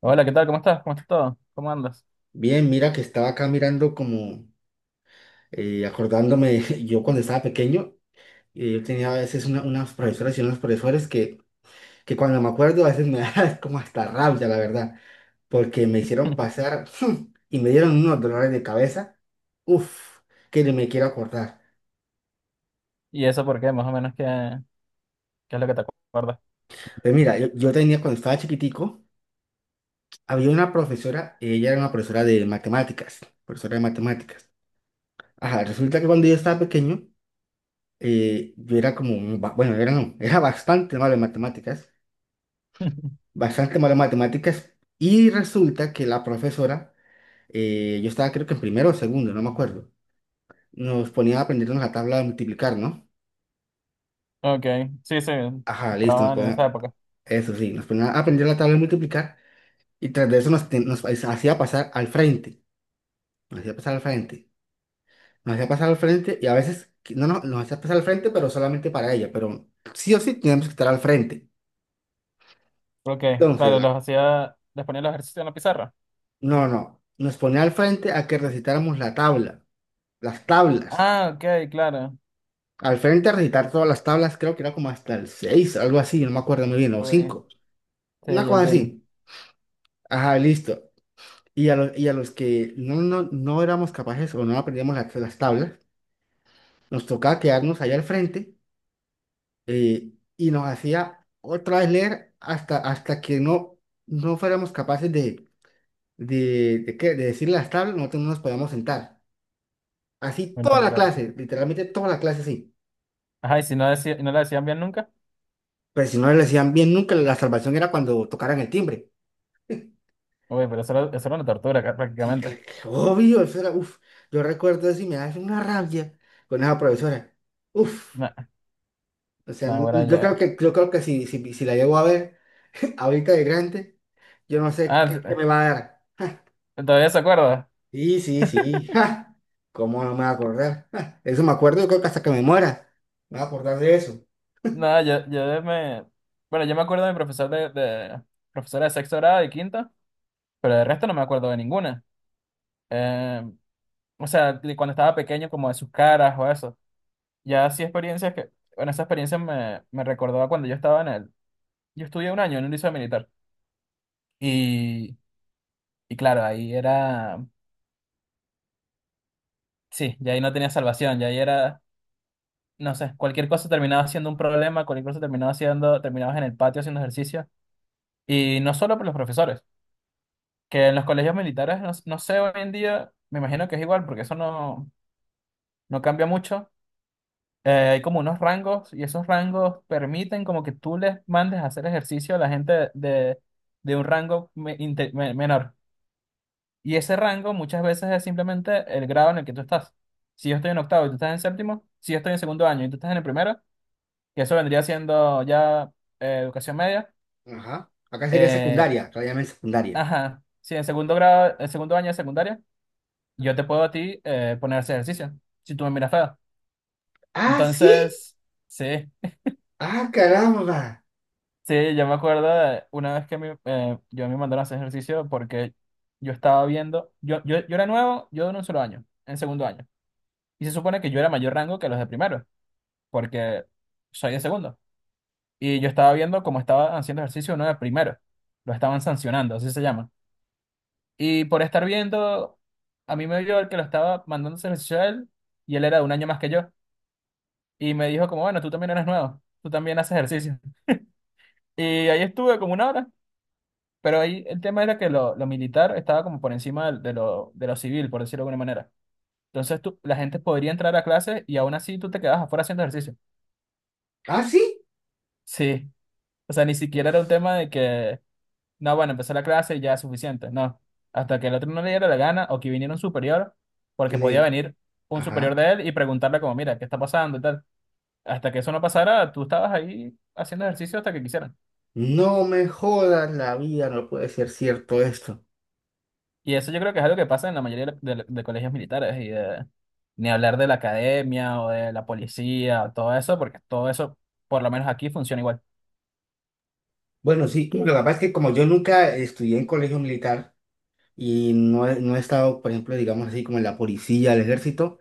Hola, ¿qué tal? ¿Cómo estás? ¿Cómo estás todo? ¿Cómo andas? Bien, mira que estaba acá mirando como acordándome, yo cuando estaba pequeño, yo tenía a veces unas profesoras y unos profesores que, cuando me acuerdo a veces me da como hasta rabia, la verdad, porque me hicieron pasar y me dieron unos dolores de cabeza, uff, que ni me quiero acordar. ¿Y eso por qué? Más o menos, ¿qué es lo que te acuerdas? Pues mira, yo tenía cuando estaba chiquitico, había una profesora, ella era una profesora de matemáticas, profesora de matemáticas. Ajá, resulta que cuando yo estaba pequeño, yo era como, bueno, era no, era bastante malo en matemáticas, bastante malo en matemáticas, y resulta que la profesora, yo estaba creo que en primero o segundo, no me acuerdo, nos ponía a aprendernos la tabla de multiplicar, ¿no? Ok, sí, sí, Ajá, listo, nos estaban en esa ponía, época. eso sí, nos ponía a aprender la tabla de multiplicar, y tras de eso nos hacía pasar al frente, nos hacía pasar al frente, nos hacía pasar al frente, y a veces, no, no, nos hacía pasar al frente, pero solamente para ella, pero sí o sí teníamos que estar al frente. Ok, Entonces, claro, la los hacía, les ponía los ejercicios en la pizarra. no, no. Nos ponía al frente a que recitáramos la tabla, las tablas. Ah, ok, claro. Al frente a recitar todas las tablas, creo que era como hasta el 6, algo así, no me acuerdo muy bien, o Uy, 5, sí, una ya cosa entiendo. así. Ajá, listo. Y a los que no éramos capaces o no aprendíamos las tablas, nos tocaba quedarnos allá al frente y nos hacía otra vez leer hasta, hasta que no, no fuéramos capaces de decir las tablas, nosotros no nos podíamos sentar. Así Bueno, toda la pero... clase, literalmente toda la clase, así. Ajá, y si no, decía, y no le decían bien nunca. Pero si no le decían bien nunca, la salvación era cuando tocaran el timbre. Uy, pero eso era una tortura Sí, prácticamente. Obvio, eso era, uff, yo recuerdo eso y me da una rabia con esa profesora. Uff, No, o sea, no, ahora ya. Yo creo que si la llego a ver ahorita de grande, yo no sé Ah, qué, sí, qué me va a dar. ¿todavía se acuerda? Sí, sí, sí, ja, ¿cómo no me va a acordar? Ja, eso me acuerdo, yo creo que hasta que me muera, me va a acordar de eso. No, yo me... Bueno, yo me acuerdo de mi profesor. De... Profesora de sexto grado y quinto, pero de resto no me acuerdo de ninguna. Eh, o sea, de cuando estaba pequeño, como de sus caras o eso. Ya sí experiencias que, bueno, esa experiencia me recordó a cuando yo estaba en yo estudié un año en un liceo militar y, y claro, ahí era, sí, ya ahí no tenía salvación, ya ahí era, no sé, cualquier cosa terminaba siendo un problema, cualquier cosa terminaba siendo, terminabas en el patio haciendo ejercicio, y no solo por los profesores, que en los colegios militares, no, no sé hoy en día, me imagino que es igual porque eso no, no cambia mucho. Hay como unos rangos, y esos rangos permiten como que tú les mandes a hacer ejercicio a la gente de un rango menor. Y ese rango muchas veces es simplemente el grado en el que tú estás. Si yo estoy en octavo y tú estás en séptimo, si yo estoy en segundo año y tú estás en el primero, que eso vendría siendo ya educación media. Ajá, acá sería eh, secundaria, todavía en secundaria. ajá, si en segundo grado, en segundo año de secundaria, yo te puedo a ti, poner a hacer ejercicio, si tú me miras feo. Ah, sí, Entonces, sí. ah, caramba, Sí, yo me acuerdo de una vez que yo me mandaron a hacer ejercicio porque yo estaba viendo, yo era nuevo, yo en un solo año, en segundo año. Y se supone que yo era mayor rango que los de primero, porque soy de segundo. Y yo estaba viendo cómo estaba haciendo ejercicio uno de primero. Lo estaban sancionando, así se llama. Y por estar viendo, a mí me vio el que lo estaba mandando a hacer ejercicio a él, y él era de un año más que yo. Y me dijo como, bueno, tú también eres nuevo, tú también haces ejercicio. Y ahí estuve como una hora. Pero ahí el tema era que lo militar estaba como por encima de lo civil, por decirlo de alguna manera. Entonces tú, la gente podría entrar a clases y aún así tú te quedabas afuera haciendo ejercicio. ah, sí, Sí. O sea, ni siquiera era un uff. tema de que, no, bueno, empezó la clase y ya es suficiente. No. Hasta que el otro no le diera la gana o que viniera un superior, porque podía venir un superior Ajá. de él y preguntarle como, mira, ¿qué está pasando y tal? Hasta que eso no pasara, tú estabas ahí haciendo ejercicio hasta que quisieran. No me jodas la vida, no puede ser cierto esto. Y eso yo creo que es algo que pasa en la mayoría de colegios militares y de ni hablar de la academia o de la policía o todo eso, porque todo eso, por lo menos aquí, funciona igual. Bueno, sí, lo que pasa es que como yo nunca estudié en colegio militar y no he estado, por ejemplo, digamos así, como en la policía, el ejército,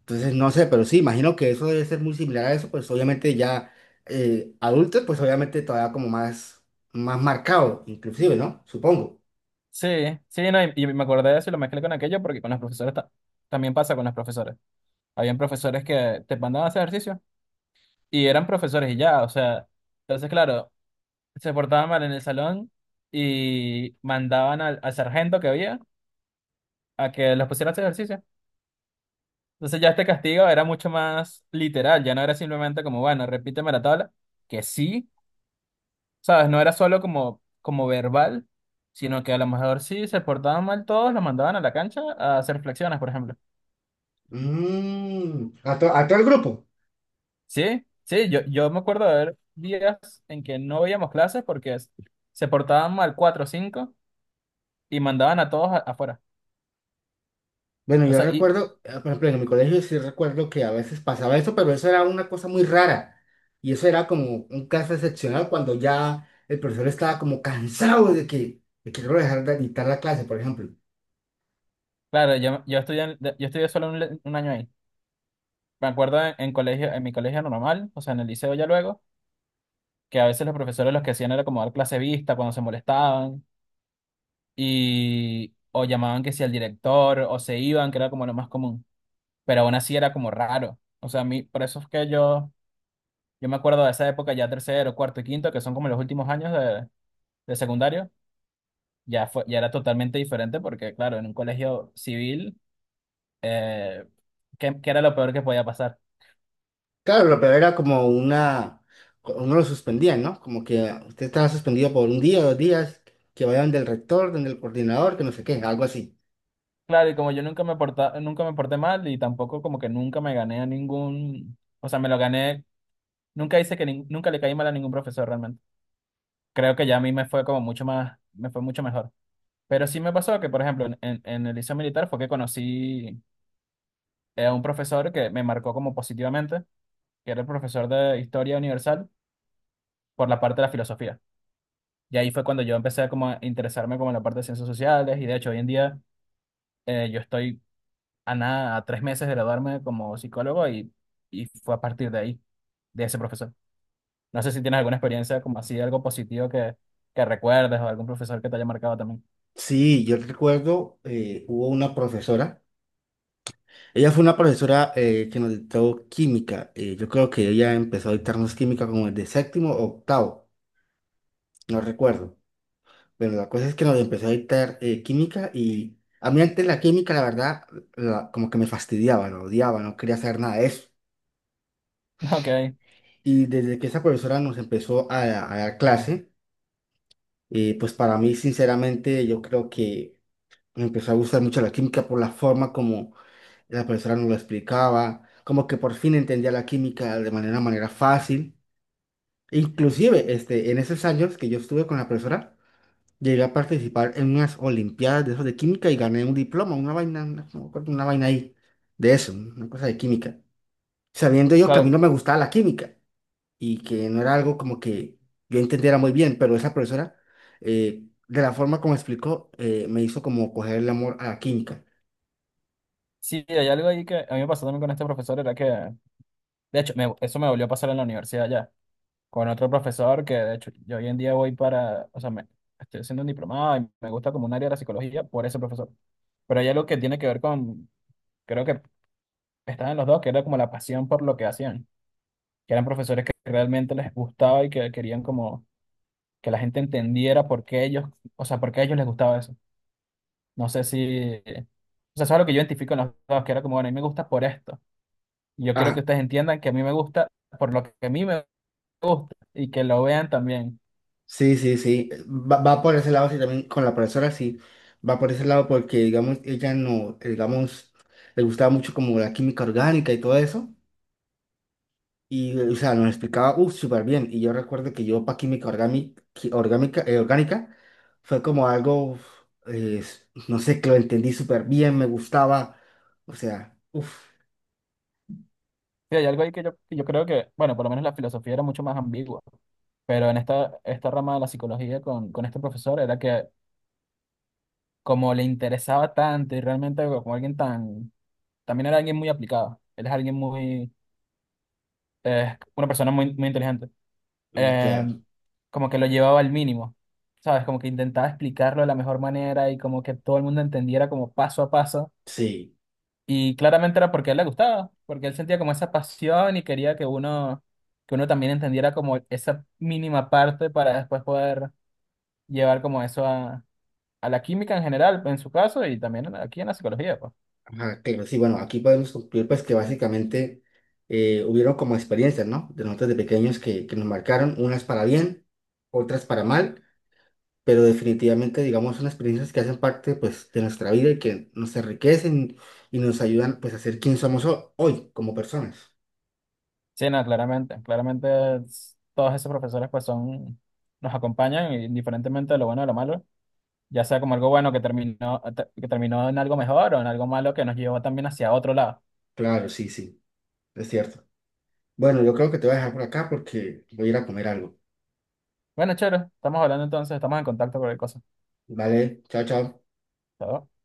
entonces no sé, pero sí, imagino que eso debe ser muy similar a eso, pues obviamente ya adultos, pues obviamente todavía como más, más marcado, inclusive, ¿no? Supongo. Sí, sí, no, y me acordé de eso y lo mezclé con aquello porque con los profesores también pasa con los profesores. Habían profesores que te mandaban a hacer ejercicio y eran profesores y ya, o sea, entonces claro, se portaban mal en el salón y mandaban al sargento que había a que los pusiera a hacer ejercicio. Entonces ya este castigo era mucho más literal, ya no era simplemente como, bueno, repíteme la tabla, que sí. ¿Sabes? No era solo como, como verbal, sino que a lo mejor si se portaban mal todos, los mandaban a la cancha a hacer flexiones, por ejemplo. Mm, ¿a, a todo el grupo? Sí, sí, yo me acuerdo de haber días en que no veíamos clases porque se portaban mal cuatro o cinco y mandaban a todos afuera. Bueno, O yo sea, y recuerdo, por ejemplo, en mi colegio sí recuerdo que a veces pasaba eso, pero eso era una cosa muy rara. Y eso era como un caso excepcional cuando ya el profesor estaba como cansado de de que no dejar de dictar la clase, por ejemplo. claro, yo estudié solo un, un año ahí. Me acuerdo en colegio, en mi colegio normal, o sea, en el liceo ya luego, que a veces los profesores los que hacían era como dar clase vista cuando se molestaban, y o llamaban que si al director o se iban, que era como lo más común, pero aún así era como raro. O sea, a mí, por eso es que yo me acuerdo de esa época ya tercero, cuarto y quinto, que son como los últimos años de secundario. Ya fue, ya era totalmente diferente porque, claro, en un colegio civil, eh, ¿qué, qué era lo peor que podía pasar? Claro, lo peor era como una, uno lo suspendían, ¿no? Como que usted estaba suspendido por un día, dos días, que vayan del rector, del coordinador, que no sé qué, algo así. Claro, y como yo nunca me porta, nunca me porté mal, y tampoco como que nunca me gané a ningún, o sea, me lo gané, nunca le caí mal a ningún profesor realmente. Creo que ya a mí me fue como mucho más, me fue mucho mejor. Pero sí me pasó que, por ejemplo, en el liceo militar fue que conocí, a un profesor que me marcó como positivamente, que era el profesor de Historia Universal por la parte de la filosofía. Y ahí fue cuando yo empecé como a interesarme como en la parte de ciencias sociales, y de hecho hoy en día yo estoy a nada, a tres meses de graduarme como psicólogo, y fue a partir de ahí, de ese profesor. No sé si tienes alguna experiencia como así, algo positivo que recuerdes, o algún profesor que te haya marcado también. Sí, yo recuerdo, hubo una profesora. Ella fue una profesora que nos dictó química. Yo creo que ella empezó a dictarnos química como desde séptimo o octavo, no recuerdo. Pero la cosa es que nos empezó a dictar química y a mí antes la química, la verdad, como que me fastidiaba, lo odiaba, no quería saber nada de eso. Ok, Y desde que esa profesora nos empezó a dar clase, pues para mí, sinceramente, yo creo que me empezó a gustar mucho la química por la forma como la profesora nos lo explicaba, como que por fin entendía la química de manera, manera fácil. Inclusive, este, en esos años que yo estuve con la profesora, llegué a participar en unas olimpiadas de esos de química y gané un diploma, una vaina, una, no me acuerdo, una vaina ahí, de eso, una cosa de química. Sabiendo yo que a mí claro. no me gustaba la química y que no era algo como que yo entendiera muy bien, pero esa profesora, de la forma como explicó, me hizo como coger el amor a la química. Sí, hay algo ahí que a mí me pasó también con este profesor, era que de hecho, eso me volvió a pasar en la universidad ya, con otro profesor que de hecho yo hoy en día voy para, o sea, me, estoy haciendo un diplomado y me gusta como un área de la psicología por ese profesor. Pero hay algo que tiene que ver con, creo que estaban los dos, que era como la pasión por lo que hacían, que eran profesores que realmente les gustaba y que querían como que la gente entendiera por qué ellos, o sea, por qué a ellos les gustaba eso. No sé si, o sea, eso es lo que yo identifico en los dos, que era como, bueno, a mí me gusta por esto. Y yo quiero que A, ustedes entiendan que a mí me gusta por lo que a mí me gusta, y que lo vean también. sí, sí, sí. Va, va por ese lado, sí, también con la profesora, sí. Va por ese lado porque, digamos, ella no, digamos, le gustaba mucho como la química orgánica y todo eso. Y, o sea, nos explicaba, uff, súper bien. Y yo recuerdo que yo para química orgánica, orgánica, orgánica fue como algo, uf, no sé, que lo entendí súper bien, me gustaba. O sea, uff, Sí, hay algo ahí que yo creo que, bueno, por lo menos la filosofía era mucho más ambigua, pero en esta rama de la psicología con este profesor era que como le interesaba tanto, y realmente como alguien tan, también era alguien muy aplicado, él es alguien muy, una persona muy, muy inteligente, y eh, claro, como que lo llevaba al mínimo, ¿sabes? Como que intentaba explicarlo de la mejor manera y como que todo el mundo entendiera como paso a paso. sí. Y claramente era porque a él le gustaba, porque él sentía como esa pasión y quería que uno también entendiera como esa mínima parte, para después poder llevar como eso a la química en general, en su caso, y también aquí en la psicología, pues. Ajá, claro, sí, bueno, aquí podemos concluir pues que básicamente hubieron como experiencias, ¿no? De nosotros de pequeños que nos marcaron, unas para bien, otras para mal, pero definitivamente, digamos, son experiencias que hacen parte pues de nuestra vida y que nos enriquecen y nos ayudan pues a ser quien somos hoy como personas. Sí, no, claramente, todos esos profesores pues son, nos acompañan, y indiferentemente de lo bueno o lo malo, ya sea como algo bueno que que terminó en algo mejor, o en algo malo que nos llevó también hacia otro lado. Claro, sí, sí, es cierto. Bueno, yo creo que te voy a dejar por acá porque voy a ir a comer algo. Bueno, chévere, estamos hablando entonces, estamos en contacto con el cosa. Vale, chao, chao. ¿Está bien?